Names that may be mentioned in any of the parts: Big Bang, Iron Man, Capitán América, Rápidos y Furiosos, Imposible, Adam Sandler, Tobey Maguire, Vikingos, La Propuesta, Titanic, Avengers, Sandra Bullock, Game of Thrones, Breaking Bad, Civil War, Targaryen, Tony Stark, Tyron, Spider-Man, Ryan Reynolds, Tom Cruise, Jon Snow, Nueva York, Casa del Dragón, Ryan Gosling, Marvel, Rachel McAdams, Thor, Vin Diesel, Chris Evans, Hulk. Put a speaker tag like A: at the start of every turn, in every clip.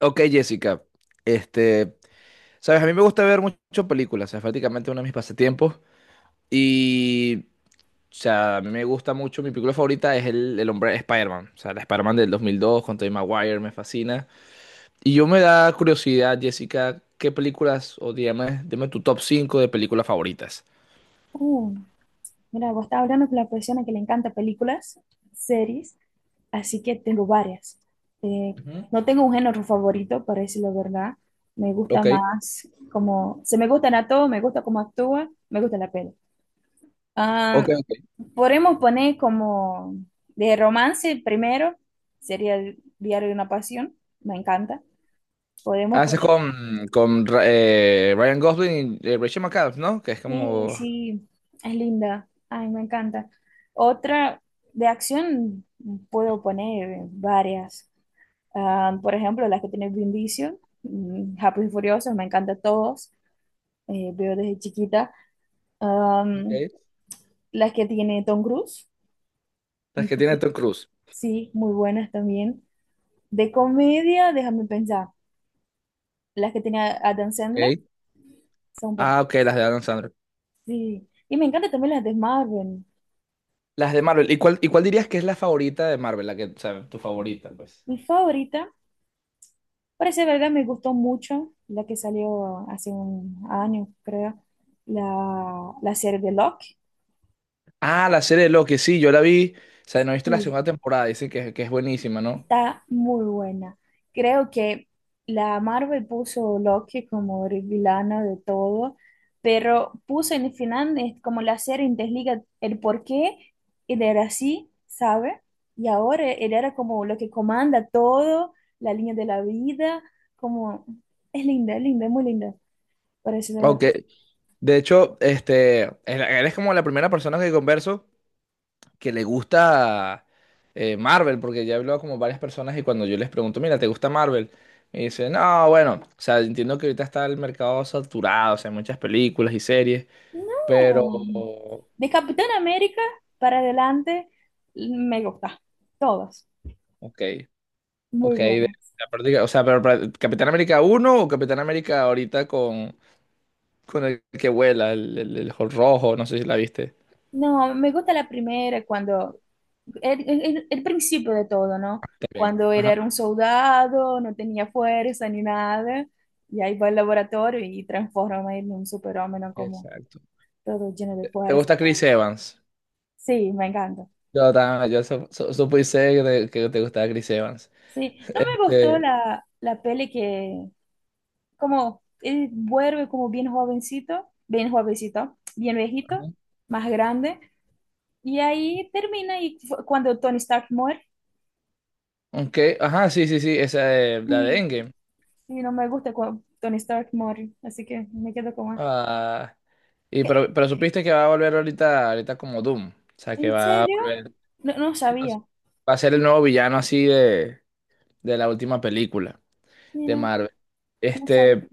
A: Ok, Jessica, este, sabes, a mí me gusta ver mucho películas, es prácticamente uno de mis pasatiempos y, o sea, a mí me gusta mucho, mi película favorita es el hombre Spider-Man, o sea, la Spider-Man del 2002 con Tobey Maguire, me fascina. Y yo me da curiosidad, Jessica, ¿qué películas, dime tu top 5 de películas favoritas?
B: Uh, mira, vos estás hablando con la persona que le encanta películas, series, así que tengo varias. Eh,
A: Ujú.
B: no tengo un género favorito, para decirlo la verdad. Me gusta
A: Ok,
B: más como, se me gustan a todos, me gusta cómo actúa, me gusta la peli.
A: ok,
B: Ah,
A: ok.
B: podemos poner como de romance primero, sería el Diario de una Pasión, me encanta. Podemos
A: Haces con, con Ryan Gosling y Rachel McAdams, ¿no? Que es
B: sí,
A: como...
B: sí, es linda. Ay, me encanta. Otra de acción puedo poner varias. Ah, por ejemplo, las que tiene Vin Diesel, Rápidos y Furiosos, me encantan todos. Veo desde chiquita. Am,
A: Okay.
B: las que tiene Tom Cruise,
A: Las que tiene
B: imposible.
A: Tom Cruise.
B: Sí, muy buenas también. De comedia, déjame pensar. Las que tiene Adam Sandler
A: Ok.
B: son
A: Ah,
B: perfectas.
A: ok, las de Adam Sandler.
B: Sí. Y me encantan también las de Marvel.
A: Las de Marvel. ¿Y cuál dirías que es la favorita de Marvel? La que, o sea, tu favorita, pues.
B: Mi favorita. Parece verdad, me gustó mucho la que salió hace un año, creo, la serie de Loki.
A: Ah, la serie de Loki, sí, yo la vi. O sea, no he visto la
B: Sí,
A: segunda temporada, dicen que es buenísima, ¿no?
B: está muy buena. Creo que la Marvel puso Loki como el villano de todo, pero puso en el final es como la serie interliga el por qué él era así, ¿sabe? Y ahora él era como lo que comanda todo, la línea de la vida, como es linda, es linda, es muy linda, parece de
A: Ok.
B: verdad.
A: De hecho, eres como la primera persona que converso que le gusta Marvel, porque ya he hablado como varias personas y cuando yo les pregunto, mira, ¿te gusta Marvel? Me dicen, no, bueno, o sea, entiendo que ahorita está el mercado saturado, o sea, hay muchas películas y series, pero,
B: No. De Capitán América para adelante, me gusta. Todas.
A: ok. Ok,
B: Muy
A: de
B: buenas.
A: la práctica, o sea, pero Capitán América uno o Capitán América ahorita con el que vuela, el Hulk rojo, no sé si la viste.
B: No, me gusta la primera cuando, el principio de todo, ¿no?
A: También.
B: Cuando él
A: Ajá,
B: era un soldado, no tenía fuerza ni nada, y ahí va al laboratorio y transforma en un superhombre, ¿no? Como
A: exacto.
B: todo lleno de
A: ¿Te
B: fuerza.
A: gusta Chris Evans?
B: Sí, me encanta.
A: Yo también, yo supuse que te gustaba Chris Evans.
B: Sí, no me gustó
A: Este,
B: la peli que, como él vuelve como bien jovencito, bien jovencito, bien viejito,
A: ajá.
B: más grande, y ahí termina y cuando Tony Stark muere,
A: Ok, ajá, sí, sí, sí, la de
B: y,
A: Endgame.
B: y no me gusta cuando Tony Stark muere, así que me quedo como, ah,
A: Ah, y
B: ¿qué-
A: pero supiste que va a volver ahorita, ahorita como Doom. O sea,
B: ¿qué?
A: que
B: ¿En
A: va a
B: serio?
A: volver.
B: No, no sabía,
A: Va a ser el nuevo villano así de la última película de
B: mira,
A: Marvel.
B: no sabía,
A: Este,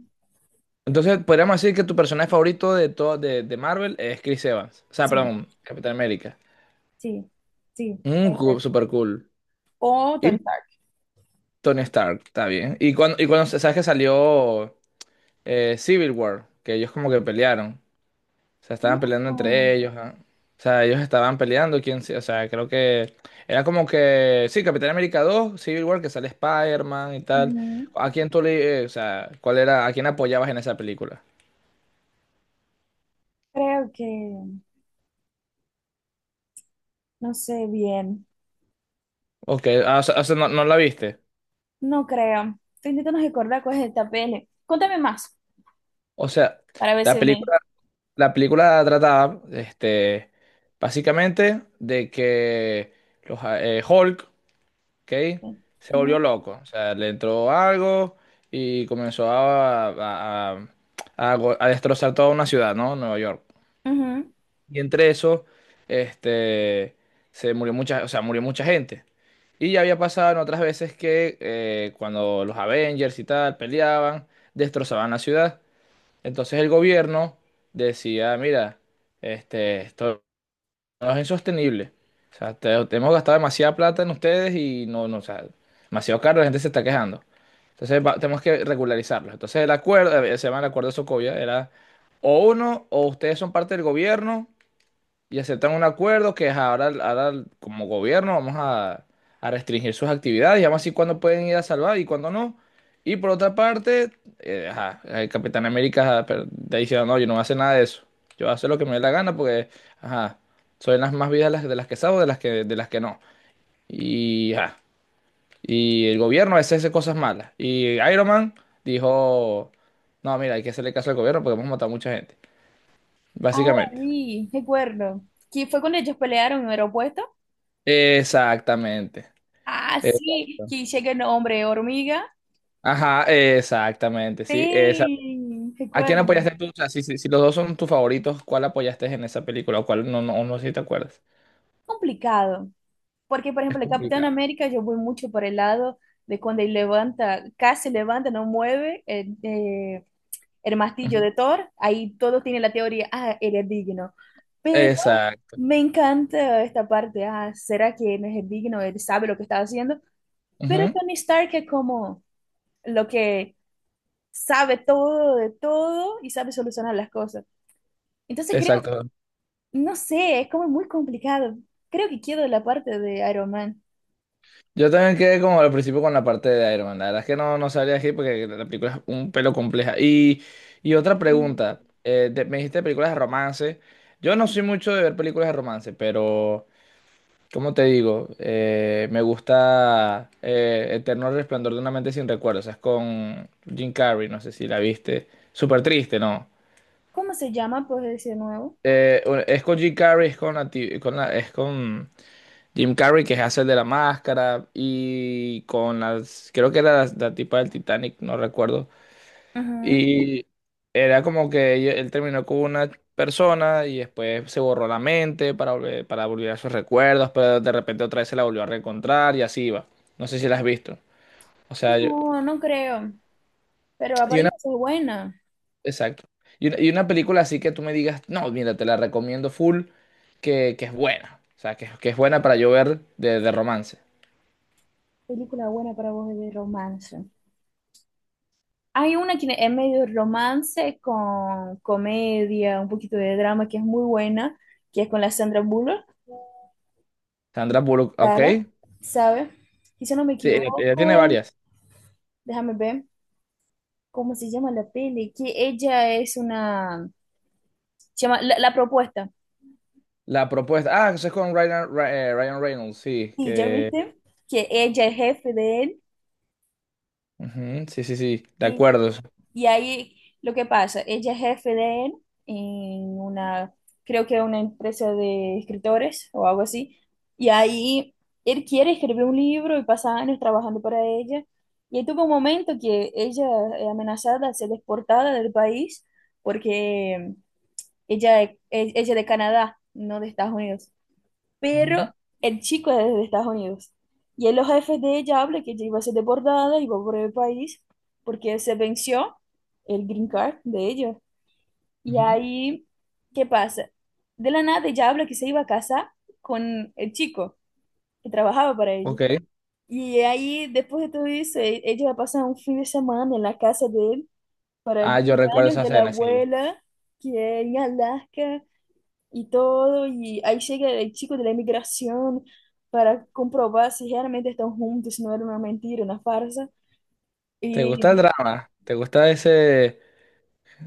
A: entonces, podríamos decir que tu personaje favorito de todo de Marvel es Chris Evans. O sea,
B: sí,
A: perdón, Capitán América.
B: sí, sí, puede
A: Cool,
B: ser.
A: super cool.
B: O
A: Y
B: Tony Stark.
A: Tony Stark, está bien. Y cuando sabes que salió Civil War, que ellos como que pelearon. O sea, estaban peleando
B: No,
A: entre ellos. Ah. O sea, ellos estaban peleando. ¿Quién, o sea, creo que era como que? Sí, Capitán América 2, Civil War, que sale Spider-Man y tal.
B: ujú.
A: ¿A quién tú le, o sea, cuál era, a quién apoyabas en esa película?
B: Creo que, no sé bien,
A: Ok, ah, o sea, no, no la viste.
B: no creo. Estoy intentando recordar cuál es esta peli. Contame más,
A: O sea,
B: para ver
A: la
B: si me...
A: película, la película trataba, básicamente de que Hulk, ¿ok?
B: Ujú,
A: Se volvió loco. O sea, le entró algo y comenzó a destrozar toda una ciudad, ¿no? Nueva York.
B: ujú.
A: Y entre eso, este, se murió mucha, o sea, murió mucha gente. Y ya había pasado en otras veces que cuando los Avengers y tal peleaban, destrozaban la ciudad. Entonces el gobierno decía, mira, esto no es insostenible. O sea, te hemos gastado demasiada plata en ustedes y no, no, o sea, demasiado caro, la gente se está quejando. Entonces tenemos que regularizarlo. Entonces el acuerdo, se llama el acuerdo de Socovia, era o uno, o ustedes son parte del gobierno, y aceptan un acuerdo que es ahora, ahora como gobierno vamos a restringir sus actividades y vamos a decir cuándo pueden ir a salvar y cuándo no. Y por otra parte, ajá, el Capitán América, ajá, pero está diciendo, no, yo no voy a hacer nada de eso. Yo voy a hacer lo que me dé la gana porque, ajá, son las más vidas las, de las que salvo de las que no. Y, ajá, y el gobierno a veces hace cosas malas. Y Iron Man dijo, no, mira, hay que hacerle caso al gobierno porque hemos matado a mucha gente.
B: Ahora
A: Básicamente.
B: sí, recuerdo. Que fue cuando ellos pelearon en el aeropuerto.
A: Exactamente.
B: Ah, sí,
A: Exactamente.
B: que llega el hombre hormiga.
A: Ajá, exactamente, sí. Esa.
B: Sí,
A: ¿A quién
B: recuerdo.
A: apoyaste tú? O sea, si los dos son tus favoritos, ¿cuál apoyaste en esa película o cuál no, no, no sé si te acuerdas?
B: Complicado. Porque, por
A: Es
B: ejemplo, el Capitán
A: complicado.
B: América, yo voy mucho por el lado de cuando él levanta, casi levanta, no mueve el martillo
A: Ujú.
B: de Thor. Ahí todos tienen la teoría, ah, él es digno. Pero
A: Exacto.
B: me encanta esta parte. Ah, ¿será que no es digno? Él sabe lo que está haciendo. Pero
A: Ujú.
B: Tony Stark es como lo que sabe todo de todo y sabe solucionar las cosas. Entonces creo,
A: Exacto.
B: no sé, es como muy complicado. Creo que quiero la parte de Iron Man.
A: Yo también quedé como al principio con la parte de Iron Man. La verdad es que no, no sabría decir porque la película es un pelo compleja. Y otra pregunta. Me dijiste películas de romance. Yo no soy mucho de ver películas de romance, pero, ¿cómo te digo? Me gusta, Eterno Resplandor de una mente sin recuerdos. Es con Jim Carrey, no sé si la viste. Súper triste, ¿no?
B: ¿Cómo se llama? Pues decir nuevo.
A: Es con Jim Carrey, es con Jim Carrey, que hace el de la máscara, y con las, creo que era la tipa del Titanic, no recuerdo. Y era como que él terminó con una persona y después se borró la mente para volver, a sus recuerdos, pero de repente otra vez se la volvió a reencontrar y así iba. No sé si la has visto. O sea,
B: Ujú. No, no creo. Pero
A: y una,
B: aparentemente es buena.
A: exacto. Y una película así que tú me digas, no, mira, te la recomiendo full, que es buena. O sea, que es buena para yo ver de romance.
B: Película buena para vos de romance. Hay una que es medio romance con comedia, un poquito de drama que es muy buena, que es con la Sandra Bullock.
A: Sandra Bullock, ok.
B: Sara,
A: Sí,
B: ¿sabe? Y si no me
A: ella tiene
B: equivoco,
A: varias.
B: déjame ver cómo se llama la peli, que ella es una, se llama La Propuesta.
A: La propuesta, ah, eso es con Ryan Reynolds, sí,
B: Y ya
A: que...
B: viste que ella es jefe de él.
A: Ujú, sí, sí, sí, de
B: Sí.
A: acuerdo.
B: Y ahí lo que pasa, ella es jefe de él en una, creo que una empresa de escritores o algo así. Y ahí él quiere escribir un libro y pasa años trabajando para ella. Y ahí tuvo un momento que ella es amenazada de ser exportada del país porque ella, ella es de Canadá, no de Estados Unidos. Pero
A: Ujú,
B: el chico es de Estados Unidos. Y en los jefes de ella habla que ella iba a ser deportada, iba a por el país, porque se venció el green card de ella. Y
A: ujú.
B: ahí, ¿qué pasa? De la nada ella habla que se iba a casar con el chico que trabajaba para ella.
A: Ok.
B: Y ahí, después de todo eso, ella va a pasar un fin de semana en la casa de él para
A: Ah,
B: el
A: yo recuerdo
B: cumpleaños
A: esa
B: de la
A: escena, sí.
B: abuela, que es en Alaska y todo, y ahí llega el chico de la inmigración para comprobar si realmente están juntos, si no era una mentira, una farsa.
A: ¿Te
B: Y
A: gusta el drama? ¿Te gusta ese...?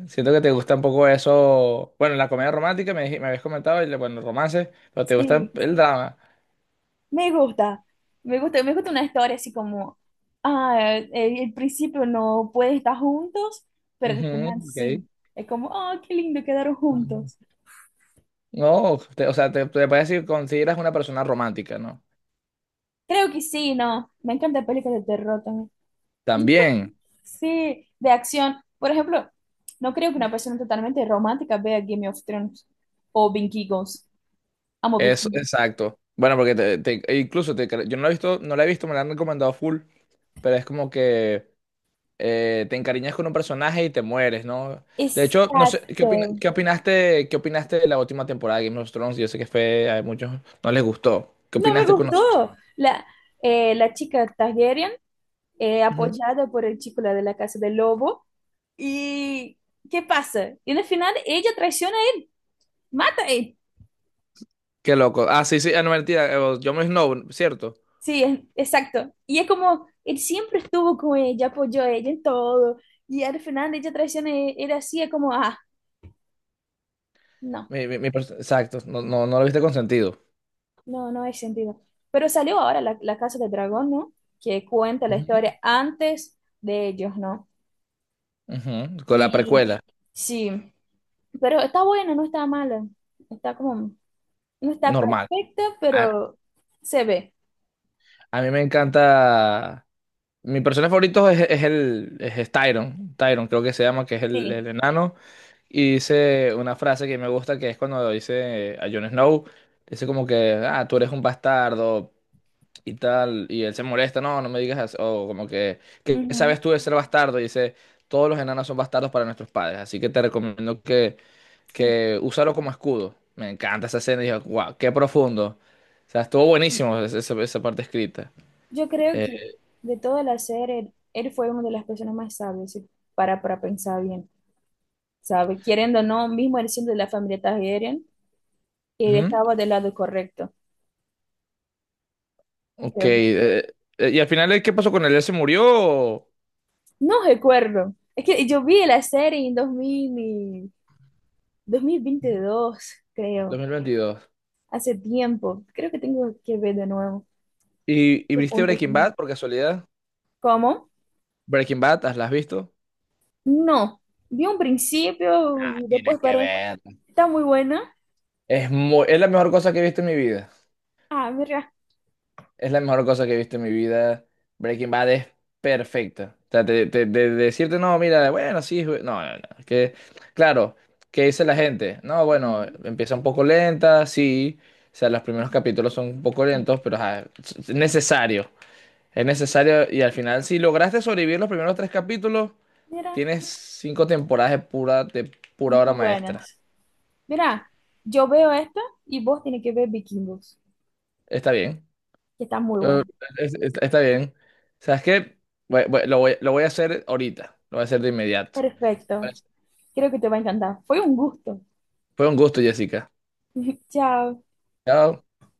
A: Siento que te gusta un poco eso... Bueno, la comedia romántica me habías comentado, y, bueno, el romance, pero te gusta
B: sí,
A: el drama.
B: me gusta, me gusta, me gusta una historia así como, ah, el principio no pueden estar juntos, pero al
A: Ujú,
B: final
A: ok.
B: sí. Es como, oh, qué lindo, quedaron juntos.
A: No, o sea, te parece que consideras una persona romántica, ¿no?
B: Creo que sí, no, me encantan películas de terror también.
A: También,
B: Sí, de acción. Por ejemplo, no creo que una persona totalmente romántica vea Game of Thrones o Vikingos. Amo Big
A: eso,
B: Bang.
A: exacto. Bueno, porque e incluso yo no lo he visto, no la he visto, me la han recomendado full, pero es como que te encariñas con un personaje y te mueres, ¿no? De hecho, no sé, ¿qué opina-
B: Exacto.
A: qué opinaste, qué opinaste de la última temporada de Game of Thrones? Yo sé que fue, a muchos no les gustó. ¿Qué
B: No me
A: opinaste con nosotros?
B: gustó. La, la chica Targaryen,
A: Ujú.
B: apoyada por el chico la de la casa del lobo. ¿Y qué pasa? Y al final ella traiciona a él, mata a él.
A: Qué loco. Ah, sí, sí, ah, no, mentira, Jon Snow, ¿cierto?
B: Sí, exacto. Y es como, él siempre estuvo con ella, apoyó a ella en todo. Y al final ella traiciona a él. Era así, es como, ah, no,
A: Exacto, no, no, no lo viste consentido.
B: no, no hay sentido. Pero salió ahora la Casa del Dragón, ¿no? Que cuenta la
A: Ujú.
B: historia antes de ellos, ¿no?
A: Ujú, con la
B: Sí,
A: precuela,
B: sí, pero está buena, no está mala. Está como, no está
A: normal.
B: perfecta,
A: A,
B: pero se ve.
A: a mí me encanta. Mi personaje favorito es Tyron. Tyron, creo que se llama, que es el,
B: Sí.
A: el enano. Y dice una frase que me gusta, que es cuando dice a Jon Snow, dice como que, ah, tú eres un bastardo y tal, y él se molesta, no, no me digas eso, o como que, ¿qué
B: Ujú.
A: sabes tú de ser bastardo? Y dice, todos los enanos son bastardos para nuestros padres, así que te recomiendo que úsalo como escudo. Me encanta esa escena, y dije, wow, qué profundo. O sea, estuvo buenísimo esa parte escrita.
B: Yo creo
A: Eh,
B: que de toda la serie, él fue una de las personas más sabias, si para pensar bien, ¿sabe? Queriendo o no, mismo él siendo de la familia Targaryen, él
A: Ujú,
B: estaba del lado correcto,
A: ok,
B: creo yo.
A: y al final, ¿qué pasó con él? ¿Él se murió?
B: No recuerdo. Es que yo vi la serie en 2000 y 2022
A: dos
B: creo,
A: mil veintidós
B: hace tiempo. Creo que tengo que ver de nuevo.
A: ¿Y
B: Su
A: viste
B: punto
A: Breaking
B: final.
A: Bad por casualidad?
B: ¿Cómo?
A: Breaking Bad, ¿las has visto?
B: No. Vi un principio
A: Nah,
B: y
A: tienes
B: después
A: que
B: paré.
A: ver.
B: Está muy buena.
A: Es la mejor cosa que he visto en mi vida.
B: Ah, mira.
A: Es la mejor cosa que he visto en mi vida. Breaking Bad es perfecta. O sea, decirte, no, mira, bueno, sí, no, no, no. Que, claro, ¿qué dice la gente? No, bueno,
B: Ujú,
A: empieza un poco lenta, sí. O sea, los primeros
B: ujú.
A: capítulos son un poco
B: Sí.
A: lentos, pero ajá, es necesario. Es necesario y al final, si lograste sobrevivir los primeros tres capítulos,
B: Mira,
A: tienes cinco temporadas de pura, obra
B: muy
A: maestra.
B: buenas. Mira, yo veo esta y vos tienes que ver Vikingos,
A: Está bien.
B: que está muy
A: Eh,
B: buena.
A: Está bien. ¿Sabes qué? Lo voy a hacer ahorita. Lo voy a hacer de inmediato.
B: Perfecto. Creo que te va a encantar. Fue un gusto.
A: Fue un gusto, Jessica.
B: Chao.
A: Chao.